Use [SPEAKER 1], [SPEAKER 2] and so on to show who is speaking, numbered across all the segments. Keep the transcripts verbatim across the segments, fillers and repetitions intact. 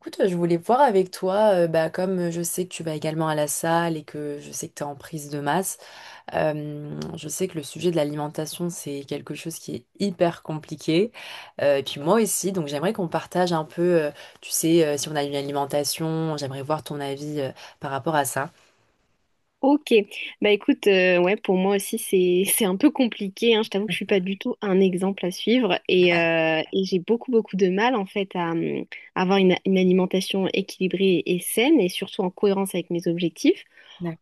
[SPEAKER 1] Écoute, je voulais voir avec toi, euh, bah, comme euh, je sais que tu vas également à la salle et que je sais que tu es en prise de masse, euh, je sais que le sujet de l'alimentation, c'est quelque chose qui est hyper compliqué. Euh, et puis moi aussi, donc j'aimerais qu'on partage un peu, euh, tu sais, euh, si on a une alimentation, j'aimerais voir ton avis, euh, par rapport à ça.
[SPEAKER 2] Ok, bah écoute, euh, ouais, pour moi aussi c'est c'est un peu compliqué, hein. Je t'avoue que je suis pas du tout un exemple à suivre et, euh, et j'ai beaucoup beaucoup de mal en fait à, hum, avoir une, une alimentation équilibrée et saine et surtout en cohérence avec mes objectifs.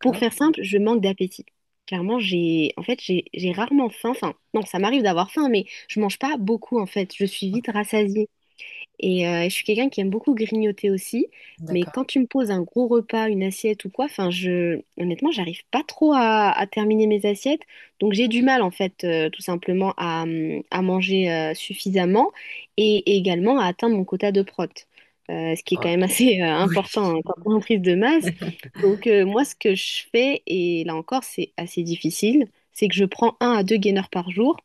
[SPEAKER 2] Pour faire simple, je manque d'appétit. Clairement, j'ai en fait j'ai j'ai rarement faim. Enfin, non, ça m'arrive d'avoir faim, mais je mange pas beaucoup en fait. Je suis
[SPEAKER 1] Ok.
[SPEAKER 2] vite rassasiée. Et euh, je suis quelqu'un qui aime beaucoup grignoter aussi, mais
[SPEAKER 1] D'accord.
[SPEAKER 2] quand tu me poses un gros repas, une assiette ou quoi, enfin, je, honnêtement, j'arrive pas trop à, à terminer mes assiettes. Donc j'ai du mal, en fait, euh, tout simplement à, hum, à manger euh, suffisamment et, et également à atteindre mon quota de prot. Euh, ce qui est quand
[SPEAKER 1] Oh.
[SPEAKER 2] même assez euh,
[SPEAKER 1] Oui.
[SPEAKER 2] important hein, quand on est en prise de masse. Donc euh, moi, ce que je fais, et là encore, c'est assez difficile, c'est que je prends un à deux gainers par jour.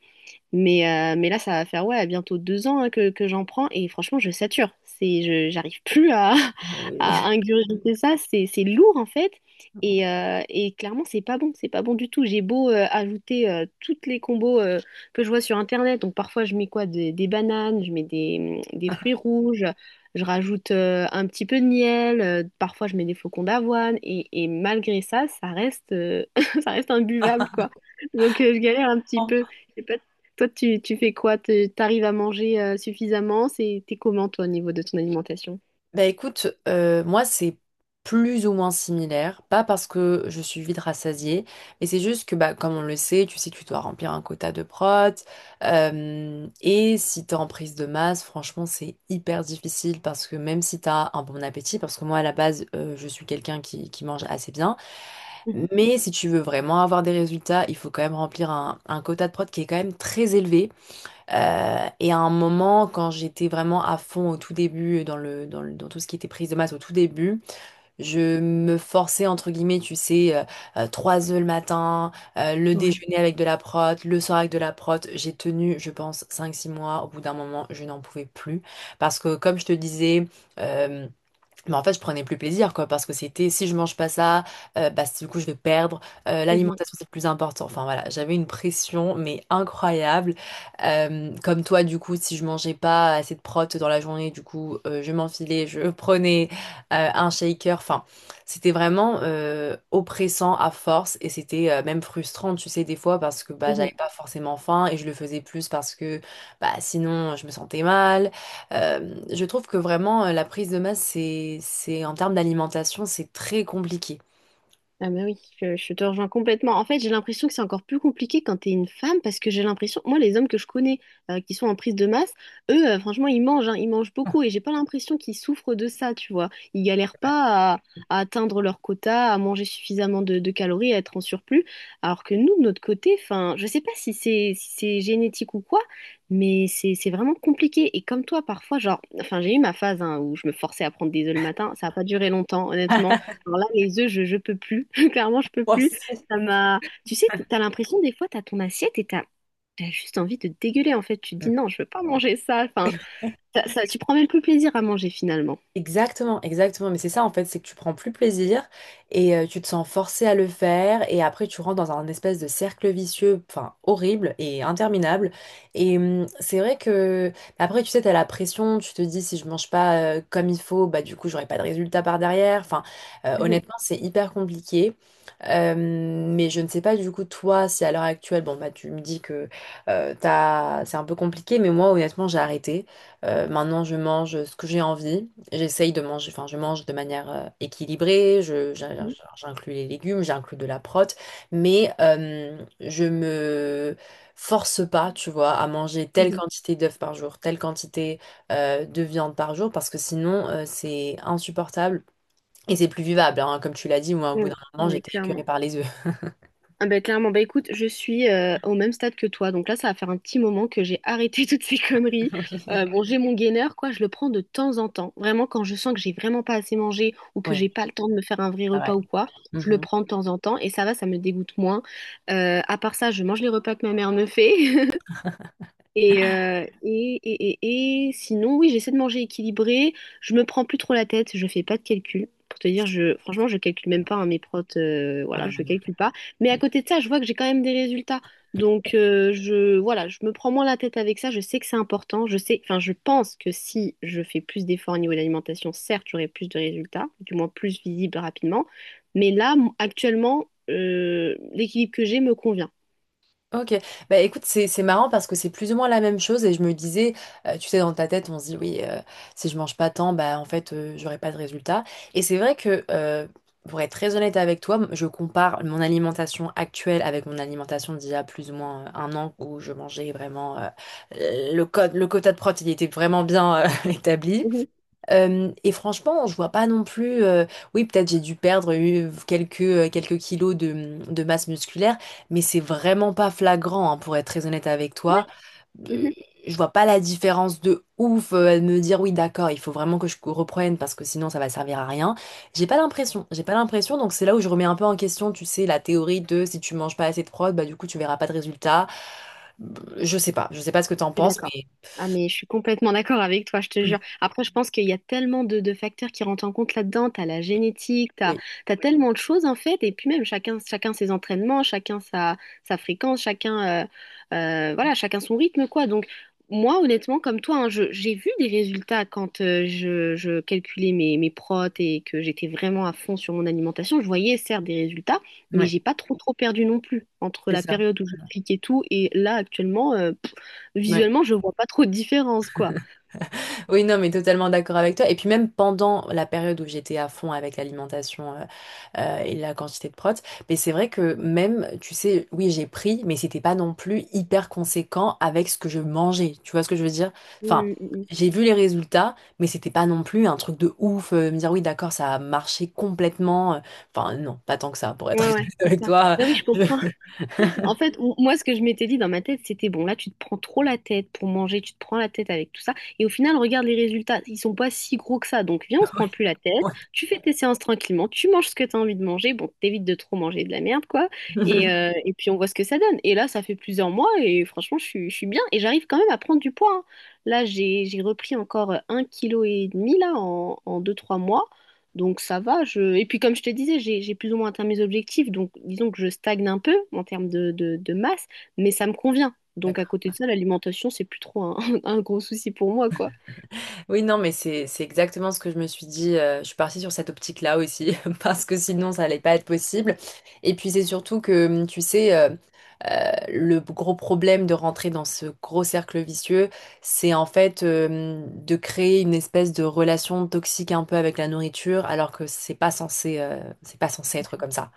[SPEAKER 2] Mais, euh, mais là, ça va faire ouais, bientôt deux ans hein, que, que j'en prends et franchement, je sature. C'est, je, j'arrive plus à,
[SPEAKER 1] Oui.
[SPEAKER 2] à ingurgiter ça. C'est, c'est lourd en fait. Et, euh, et clairement, c'est pas bon. C'est pas bon du tout. J'ai beau euh, ajouter euh, toutes les combos euh, que je vois sur Internet. Donc parfois, je mets quoi? Des, des bananes, je mets des, des fruits rouges, je rajoute euh, un petit peu de miel, euh, parfois, je mets des flocons d'avoine. Et, et malgré ça, ça reste, euh, ça reste imbuvable quoi. Donc euh, je galère un petit peu. Toi, tu, tu fais quoi? Tu arrives à manger euh, suffisamment? C'est, t'es comment, toi, au niveau de ton alimentation?
[SPEAKER 1] Bah écoute, euh, moi c'est plus ou moins similaire, pas parce que je suis vite rassasiée, mais c'est juste que bah, comme on le sait, tu sais que tu dois remplir un quota de prot, euh, et si t'es en prise de masse, franchement c'est hyper difficile parce que même si t'as un bon appétit, parce que moi à la base euh, je suis quelqu'un qui, qui mange assez bien,
[SPEAKER 2] Mhm.
[SPEAKER 1] mais si tu veux vraiment avoir des résultats, il faut quand même remplir un, un quota de prot qui est quand même très élevé. Euh, et à un moment, quand j'étais vraiment à fond au tout début, dans le, dans le- dans tout ce qui était prise de masse au tout début, je me forçais, entre guillemets, tu sais, euh, euh, trois œufs le matin, euh, le
[SPEAKER 2] Ouais.
[SPEAKER 1] déjeuner avec de la prot, le soir avec de la prot. J'ai tenu, je pense, cinq six mois. Au bout d'un moment, je n'en pouvais plus. Parce que, comme je te disais, euh, mais en fait, je prenais plus plaisir, quoi, parce que c'était si je mange pas ça, euh, bah, du coup, je vais perdre. Euh, l'alimentation, c'est le plus important. Enfin, voilà, j'avais une pression, mais incroyable. Euh, comme toi, du coup, si je mangeais pas assez de protes dans la journée, du coup, euh, je m'enfilais, je prenais euh, un shaker. Enfin, c'était vraiment euh, oppressant à force et c'était euh, même frustrant, tu sais, des fois, parce que bah, j'avais
[SPEAKER 2] Mhm.
[SPEAKER 1] pas forcément faim et je le faisais plus parce que bah, sinon, je me sentais mal. Euh, je trouve que vraiment euh, la prise de masse, c'est, c'est en termes d'alimentation, c'est très compliqué.
[SPEAKER 2] Ah mais oui, je, je te rejoins complètement. En fait, j'ai l'impression que c'est encore plus compliqué quand t'es une femme parce que j'ai l'impression, moi, les hommes que je connais euh, qui sont en prise de masse, eux, euh, franchement, ils mangent, hein, ils mangent beaucoup et j'ai pas l'impression qu'ils souffrent de ça, tu vois. Ils galèrent pas à, à atteindre leur quota, à manger suffisamment de, de calories, à être en surplus, alors que nous, de notre côté, enfin, je sais pas si c'est si c'est génétique ou quoi, mais c'est c'est vraiment compliqué. Et comme toi, parfois, genre, enfin, j'ai eu ma phase hein, où je me forçais à prendre des œufs le matin, ça a pas duré longtemps, honnêtement. Alors là, les œufs, je, je peux plus. Clairement, je peux
[SPEAKER 1] Moi,
[SPEAKER 2] plus.
[SPEAKER 1] c'est-
[SPEAKER 2] Ça m'a. Tu sais, t'as l'impression des fois, t'as ton assiette et t'as t'as juste envie de dégueuler. En fait, tu te dis
[SPEAKER 1] Mm.
[SPEAKER 2] non, je veux pas
[SPEAKER 1] Ouais.
[SPEAKER 2] manger ça. Enfin, ça, ça- tu prends même plus plaisir à manger finalement.
[SPEAKER 1] Exactement, exactement. Mais c'est ça en fait, c'est que tu prends plus plaisir et euh, tu te sens forcé à le faire et après tu rentres dans un espèce de cercle vicieux, enfin horrible et interminable. Et hum, c'est vrai que bah, après tu sais, t'as la pression, tu te dis si je mange pas euh, comme il faut, bah du coup j'aurai pas de résultat par derrière. Enfin euh,
[SPEAKER 2] Mhm,
[SPEAKER 1] honnêtement c'est hyper compliqué. Euh, mais je ne sais pas du coup toi si à l'heure actuelle, bon bah tu me dis que euh, t'as... c'est un peu compliqué, mais moi honnêtement j'ai arrêté. Euh, maintenant je mange ce que j'ai envie. J'essaye de manger, enfin, je mange de manière euh, équilibrée, je, j'in-
[SPEAKER 2] mhm,
[SPEAKER 1] j'inclus les légumes, j'inclus de la prot, mais euh, je me force pas, tu vois, à manger telle
[SPEAKER 2] mhm.
[SPEAKER 1] quantité d'œufs par jour, telle quantité euh, de viande par jour, parce que sinon, euh, c'est insupportable et c'est plus vivable, hein. Comme tu l'as dit, moi, au
[SPEAKER 2] Oui,
[SPEAKER 1] bout
[SPEAKER 2] oui,
[SPEAKER 1] d'un moment,
[SPEAKER 2] oui,
[SPEAKER 1] j'étais
[SPEAKER 2] clairement.
[SPEAKER 1] écœurée par les œufs.
[SPEAKER 2] Ah bah, clairement, bah écoute, je suis euh, au même stade que toi, donc là ça va faire un petit moment que j'ai arrêté toutes ces conneries. Euh,
[SPEAKER 1] Oui.
[SPEAKER 2] bon, j'ai mon gainer, quoi, je le prends de temps en temps. Vraiment, quand je sens que j'ai vraiment pas assez mangé ou que
[SPEAKER 1] Oui,
[SPEAKER 2] j'ai pas le temps de me faire un vrai repas
[SPEAKER 1] pareil.
[SPEAKER 2] ou quoi, je le
[SPEAKER 1] Mhm.
[SPEAKER 2] prends de temps en temps et ça va, ça me dégoûte moins. Euh, à part ça, je mange les repas que ma mère me fait, Et, euh, et, et, et, et sinon, oui, j'essaie de manger équilibré. Je me prends plus trop la tête. Je fais pas de calcul. Pour te dire, je, franchement, je calcule même pas hein, mes protes. Euh,
[SPEAKER 1] Ah
[SPEAKER 2] voilà,
[SPEAKER 1] non, moi
[SPEAKER 2] je
[SPEAKER 1] non plus.
[SPEAKER 2] calcule pas. Mais à côté de ça, je vois que j'ai quand même des résultats. Donc, euh, je, voilà, je me prends moins la tête avec ça. Je sais que c'est important. Je sais, enfin, je pense que si je fais plus d'efforts au niveau de l'alimentation, certes, j'aurai plus de résultats, du moins plus visibles rapidement. Mais là, m- actuellement, euh, l'équilibre que j'ai me convient.
[SPEAKER 1] Ok, bah écoute, c'est c'est marrant parce que c'est plus ou moins la même chose et je me disais, euh, tu sais, dans ta tête, on se dit oui, euh, si je mange pas tant, bah en fait, euh, j'aurai pas de résultat. Et c'est vrai que, euh, pour être très honnête avec toi, m- je compare mon alimentation actuelle avec mon alimentation d'il y a plus ou moins euh, un an où je mangeais vraiment euh, le code, le quota de protéines était vraiment bien euh, établi.
[SPEAKER 2] Mhm.
[SPEAKER 1] Euh, et franchement, je vois pas non plus. Euh, oui, peut-être j'ai dû perdre euh, quelques, euh, quelques kilos de, mmh, de masse musculaire, mais c'est vraiment pas flagrant, hein, pour être très honnête avec toi. Euh,
[SPEAKER 2] Ouais.
[SPEAKER 1] je vois pas la différence de ouf, euh, à me dire oui, d'accord, il faut vraiment que je reprenne parce que sinon ça va servir à rien. J'ai pas l'impression, j'ai pas l'impression, donc c'est là où je remets un peu en question, tu sais, la théorie de si tu manges pas assez de prod, bah du coup tu verras pas de résultat. Mmh. Je sais pas, je sais pas ce que t'en
[SPEAKER 2] Je suis
[SPEAKER 1] penses,
[SPEAKER 2] d'accord.
[SPEAKER 1] mais
[SPEAKER 2] Ah, mais je suis complètement d'accord avec toi, je te jure. Après, je pense qu'il y a tellement de, de facteurs qui rentrent en compte là-dedans. T'as la génétique, t'as,
[SPEAKER 1] oui,
[SPEAKER 2] t'as tellement de choses en fait. Et puis même, chacun, chacun ses entraînements, chacun sa, sa fréquence, chacun, euh, euh, voilà, chacun son rythme, quoi. Donc, moi, honnêtement, comme toi, hein, je- j'ai vu des résultats quand euh, je, je calculais mes, mes protes et que j'étais vraiment à fond sur mon alimentation. Je voyais, certes, des résultats, mais
[SPEAKER 1] ouais,
[SPEAKER 2] j'ai pas trop, trop perdu non plus entre
[SPEAKER 1] c'est
[SPEAKER 2] la
[SPEAKER 1] ça.
[SPEAKER 2] période où je cliquais tout et là, actuellement. euh,
[SPEAKER 1] Ouais.
[SPEAKER 2] Visuellement, je vois pas trop de différence, quoi.
[SPEAKER 1] Oui, non, mais totalement d'accord avec toi. Et puis même pendant la période où j'étais à fond avec l'alimentation euh, euh, et la quantité de protes, mais c'est vrai que même, tu sais, oui, j'ai pris, mais c'était pas non plus hyper conséquent avec ce que je mangeais. Tu vois ce que je veux dire? Enfin,
[SPEAKER 2] Mm, mm, mm.
[SPEAKER 1] j'ai vu les résultats, mais c'était pas non plus un truc de ouf, euh, me dire oui, d'accord, ça a marché complètement. euh. Enfin, non, pas tant que ça, pour être
[SPEAKER 2] Ouais,
[SPEAKER 1] honnête
[SPEAKER 2] ouais, c'est
[SPEAKER 1] avec
[SPEAKER 2] ça.
[SPEAKER 1] toi.
[SPEAKER 2] Bah oui, je comprends.
[SPEAKER 1] Je-
[SPEAKER 2] En fait, m- moi, ce que je m'étais dit dans ma tête, c'était bon, là, tu te prends trop la tête pour manger, tu te prends la tête avec tout ça. Et au final, regarde les résultats, ils sont pas si gros que ça. Donc, viens, on se prend plus la tête,
[SPEAKER 1] Ouais.
[SPEAKER 2] tu fais tes séances tranquillement, tu manges ce que tu as envie de manger. Bon, t'évites de trop manger de la merde, quoi. Et, euh, et puis, on voit ce que ça donne. Et là, ça fait plusieurs mois et franchement, je suis, je suis bien et j'arrive quand même à prendre du poids. Hein. Là, j'ai, j'ai repris encore un kilo et demi, là, en, en deux, trois mois. Donc ça va, je... Et puis comme je te disais, j'ai, j'ai plus ou moins atteint mes objectifs, donc disons que je stagne un peu en termes de, de- de masse, mais ça me convient. Donc à côté de
[SPEAKER 1] D'accord.
[SPEAKER 2] ça, l'alimentation, c'est plus trop un, un gros souci pour moi, quoi.
[SPEAKER 1] Oui, non, mais c'est c'est exactement ce que je me suis dit. Euh, je suis partie sur cette optique-là aussi, parce que sinon, ça allait pas être possible. Et puis, c'est surtout que, hum, tu sais, euh, euh, le gros problème de rentrer dans ce gros cercle vicieux, c'est en fait euh, de créer une espèce de relation toxique un peu avec la nourriture, alors que c'est pas censé, euh, c'est pas censé être comme ça.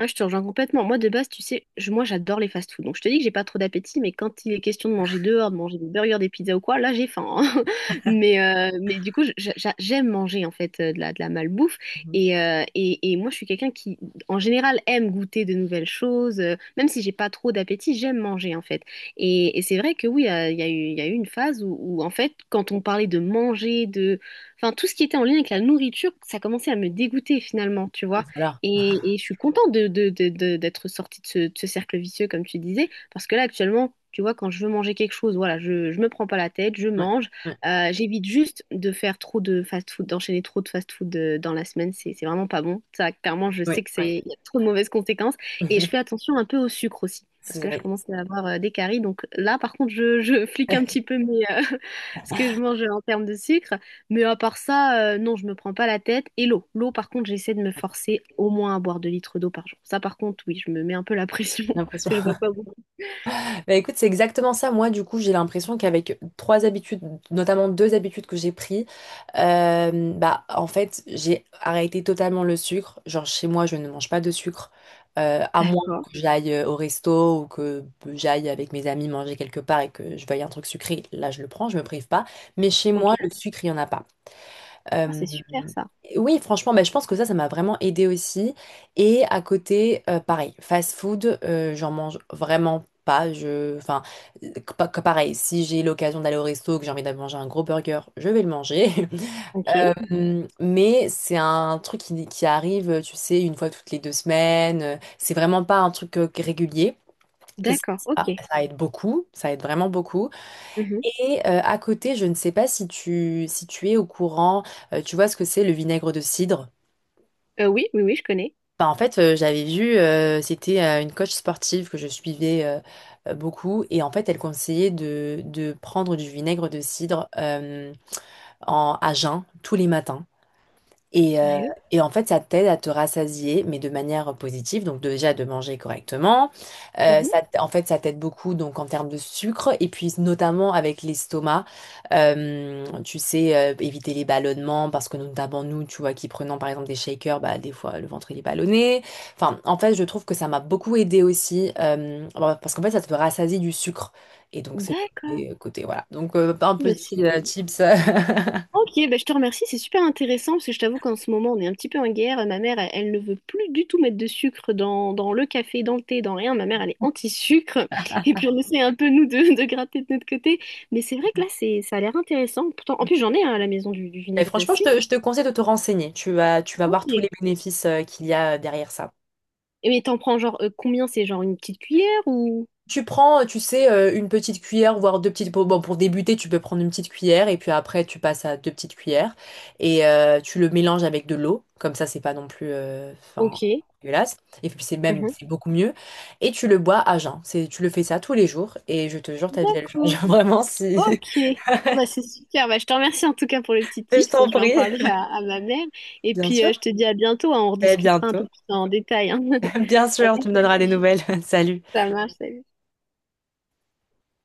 [SPEAKER 2] Ah, je te rejoins complètement. Moi, de base, tu sais, je- moi, j'adore les fast-food. Donc, je te dis que j'ai pas trop d'appétit, mais quand il est question de manger dehors, de manger des burgers, des pizzas ou quoi, là, j'ai faim. Hein. Mais, euh, mais du coup, je- j'a- j'aime manger, en fait, euh, de la, de la malbouffe. Et, euh, et, et moi, je suis quelqu'un qui, en général, aime goûter de nouvelles choses. Euh, Même si j'ai pas trop d'appétit, j'aime manger, en fait. Et, et c'est vrai que oui, euh, il y a eu, il y a eu une phase où, où, en fait, quand on parlait de manger, de... Enfin, tout ce qui était en lien avec la nourriture, ça commençait à me dégoûter, finalement, tu vois.
[SPEAKER 1] Voilà.
[SPEAKER 2] Et, et je suis contente de, de- de- de- d'être sortie de ce, de ce cercle vicieux, comme tu disais, parce que là, actuellement, tu vois, quand je veux manger quelque chose, voilà, je, je me prends pas la tête, je
[SPEAKER 1] Ouais,
[SPEAKER 2] mange.
[SPEAKER 1] ouais,
[SPEAKER 2] Euh, j'évite juste de faire trop de fast-food, d'enchaîner trop de fast-food euh, dans la semaine, c'est, c'est vraiment pas bon. Ça, clairement, je
[SPEAKER 1] ouais,
[SPEAKER 2] sais que
[SPEAKER 1] ouais.
[SPEAKER 2] c'est, il y a trop de mauvaises conséquences. Et je fais attention un peu au sucre aussi, parce
[SPEAKER 1] C'est-
[SPEAKER 2] que là, je
[SPEAKER 1] oui.
[SPEAKER 2] commence à avoir euh, des caries. Donc là, par contre, je, je flique un petit peu mes, euh, ce que je mange en termes de sucre. Mais à part ça, euh, non, je me prends pas la tête. Et l'eau. L'eau, par contre, j'essaie de me forcer au moins à boire deux litres d'eau par jour. Ça, par contre, oui, je me mets un peu la pression.
[SPEAKER 1] J'ai
[SPEAKER 2] Parce
[SPEAKER 1] l'impression.
[SPEAKER 2] que je bois pas beaucoup.
[SPEAKER 1] Bah écoute, c'est exactement ça. Moi, du coup, j'ai l'impression qu'avec trois habitudes, notamment deux habitudes que j'ai prises, euh, bah en fait, j'ai arrêté totalement le sucre. Genre chez moi, je ne mange pas de sucre, euh, à moins
[SPEAKER 2] D'accord.
[SPEAKER 1] que j'aille euh, au resto ou que j'aille avec mes amis manger quelque part et que je veuille un truc sucré. Là, je le prends, je me prive pas. Mais chez moi, le
[SPEAKER 2] Ok.
[SPEAKER 1] sucre, il y en a pas.
[SPEAKER 2] Ah,
[SPEAKER 1] Euh,
[SPEAKER 2] c'est super ça.
[SPEAKER 1] oui, franchement, bah, je pense que ça, ça m'a vraiment aidé aussi. Et à côté, euh, pareil, fast food, euh, j'en mange vraiment pas. Je, enfin, euh, pa- que pareil, si j'ai l'occasion d'aller au resto, que j'ai envie d'aller manger un gros burger, je vais le manger.
[SPEAKER 2] Ok.
[SPEAKER 1] Euh, mais c'est un truc qui, qui arrive, tu sais, une fois toutes les deux semaines. C'est vraiment pas un truc euh, régulier. Et ça,
[SPEAKER 2] D'accord.
[SPEAKER 1] ça
[SPEAKER 2] Ok.
[SPEAKER 1] ça aide beaucoup, ça aide vraiment beaucoup.
[SPEAKER 2] Mhm.
[SPEAKER 1] Et euh, à côté, je ne sais pas si tu, si tu es au courant, euh, tu vois ce que c'est le vinaigre de cidre?
[SPEAKER 2] Euh, oui, oui, oui, je connais.
[SPEAKER 1] Bah, en fait, euh, j'avais vu, euh, c'était euh, une coach sportive que je suivais euh, euh, beaucoup, et en fait, elle conseillait de, de prendre du vinaigre de cidre euh, en, à jeun tous les matins. Et, euh,
[SPEAKER 2] Sérieux?
[SPEAKER 1] et en fait, ça t'aide à te rassasier, mais de manière positive. Donc déjà de manger correctement. Euh,
[SPEAKER 2] Mhm.
[SPEAKER 1] ça, t- en fait, ça t'aide beaucoup donc en termes de sucre et puis notamment avec l'estomac. Euh, tu sais euh, éviter les ballonnements parce que notamment nous, tu vois, qui prenons par exemple des shakers, bah des fois le ventre il est ballonné. Enfin, en fait, je trouve que ça m'a beaucoup aidé aussi euh, bon, parce qu'en fait, ça te rassasie du sucre et donc c'est le
[SPEAKER 2] D'accord.
[SPEAKER 1] mauvais côté. Voilà. Donc euh, un
[SPEAKER 2] Bah, c'est
[SPEAKER 1] petit euh, tips.
[SPEAKER 2] Ok, bah je te remercie, c'est super intéressant parce que je t'avoue qu'en ce moment on est un petit peu en guerre. Ma mère, elle, elle ne veut plus du tout mettre de sucre dans, dans le café, dans le thé, dans rien. Ma mère, elle est anti-sucre. Et puis on essaie un peu nous de, de gratter de notre côté. Mais c'est vrai que là, c'est, ça a l'air intéressant. Pourtant, en plus j'en ai hein, à la maison du, du
[SPEAKER 1] Mais
[SPEAKER 2] vinaigre de
[SPEAKER 1] franchement, je
[SPEAKER 2] cidre.
[SPEAKER 1] te, je te conseille de te renseigner. Tu vas, tu vas
[SPEAKER 2] Ok.
[SPEAKER 1] voir tous les bénéfices euh, qu'il y a euh, derrière ça.
[SPEAKER 2] Et mais t'en prends genre euh, combien? C'est genre une petite cuillère ou...
[SPEAKER 1] Tu prends, euh, tu sais, euh, une petite cuillère, voire deux petites... Bon, pour débuter, tu peux prendre une petite cuillère et puis après, tu passes à deux petites cuillères et euh, tu le mélanges avec de l'eau. Comme ça, c'est pas non plus... euh, Enfin,
[SPEAKER 2] Ok.
[SPEAKER 1] dégueulasse. Et puis, c'est même... C'est
[SPEAKER 2] Mhm.
[SPEAKER 1] beaucoup mieux. Et tu le bois à jeun. C'est, tu le fais ça tous les jours et je te jure, ta vie, elle change.
[SPEAKER 2] D'accord.
[SPEAKER 1] Vraiment, si...
[SPEAKER 2] Ok, bah, c'est super. Bah, je te remercie en tout cas pour les petits
[SPEAKER 1] Je
[SPEAKER 2] tips. Je
[SPEAKER 1] t'en
[SPEAKER 2] vais en
[SPEAKER 1] prie.
[SPEAKER 2] parler à, à ma mère. Et puis, euh, je te dis à bientôt. Hein. On
[SPEAKER 1] Et à
[SPEAKER 2] rediscutera un peu
[SPEAKER 1] bientôt.
[SPEAKER 2] plus en détail. Hein.
[SPEAKER 1] Bien sûr,
[SPEAKER 2] Allez,
[SPEAKER 1] tu me donneras des
[SPEAKER 2] salut.
[SPEAKER 1] nouvelles. Salut.
[SPEAKER 2] Ça marche, salut.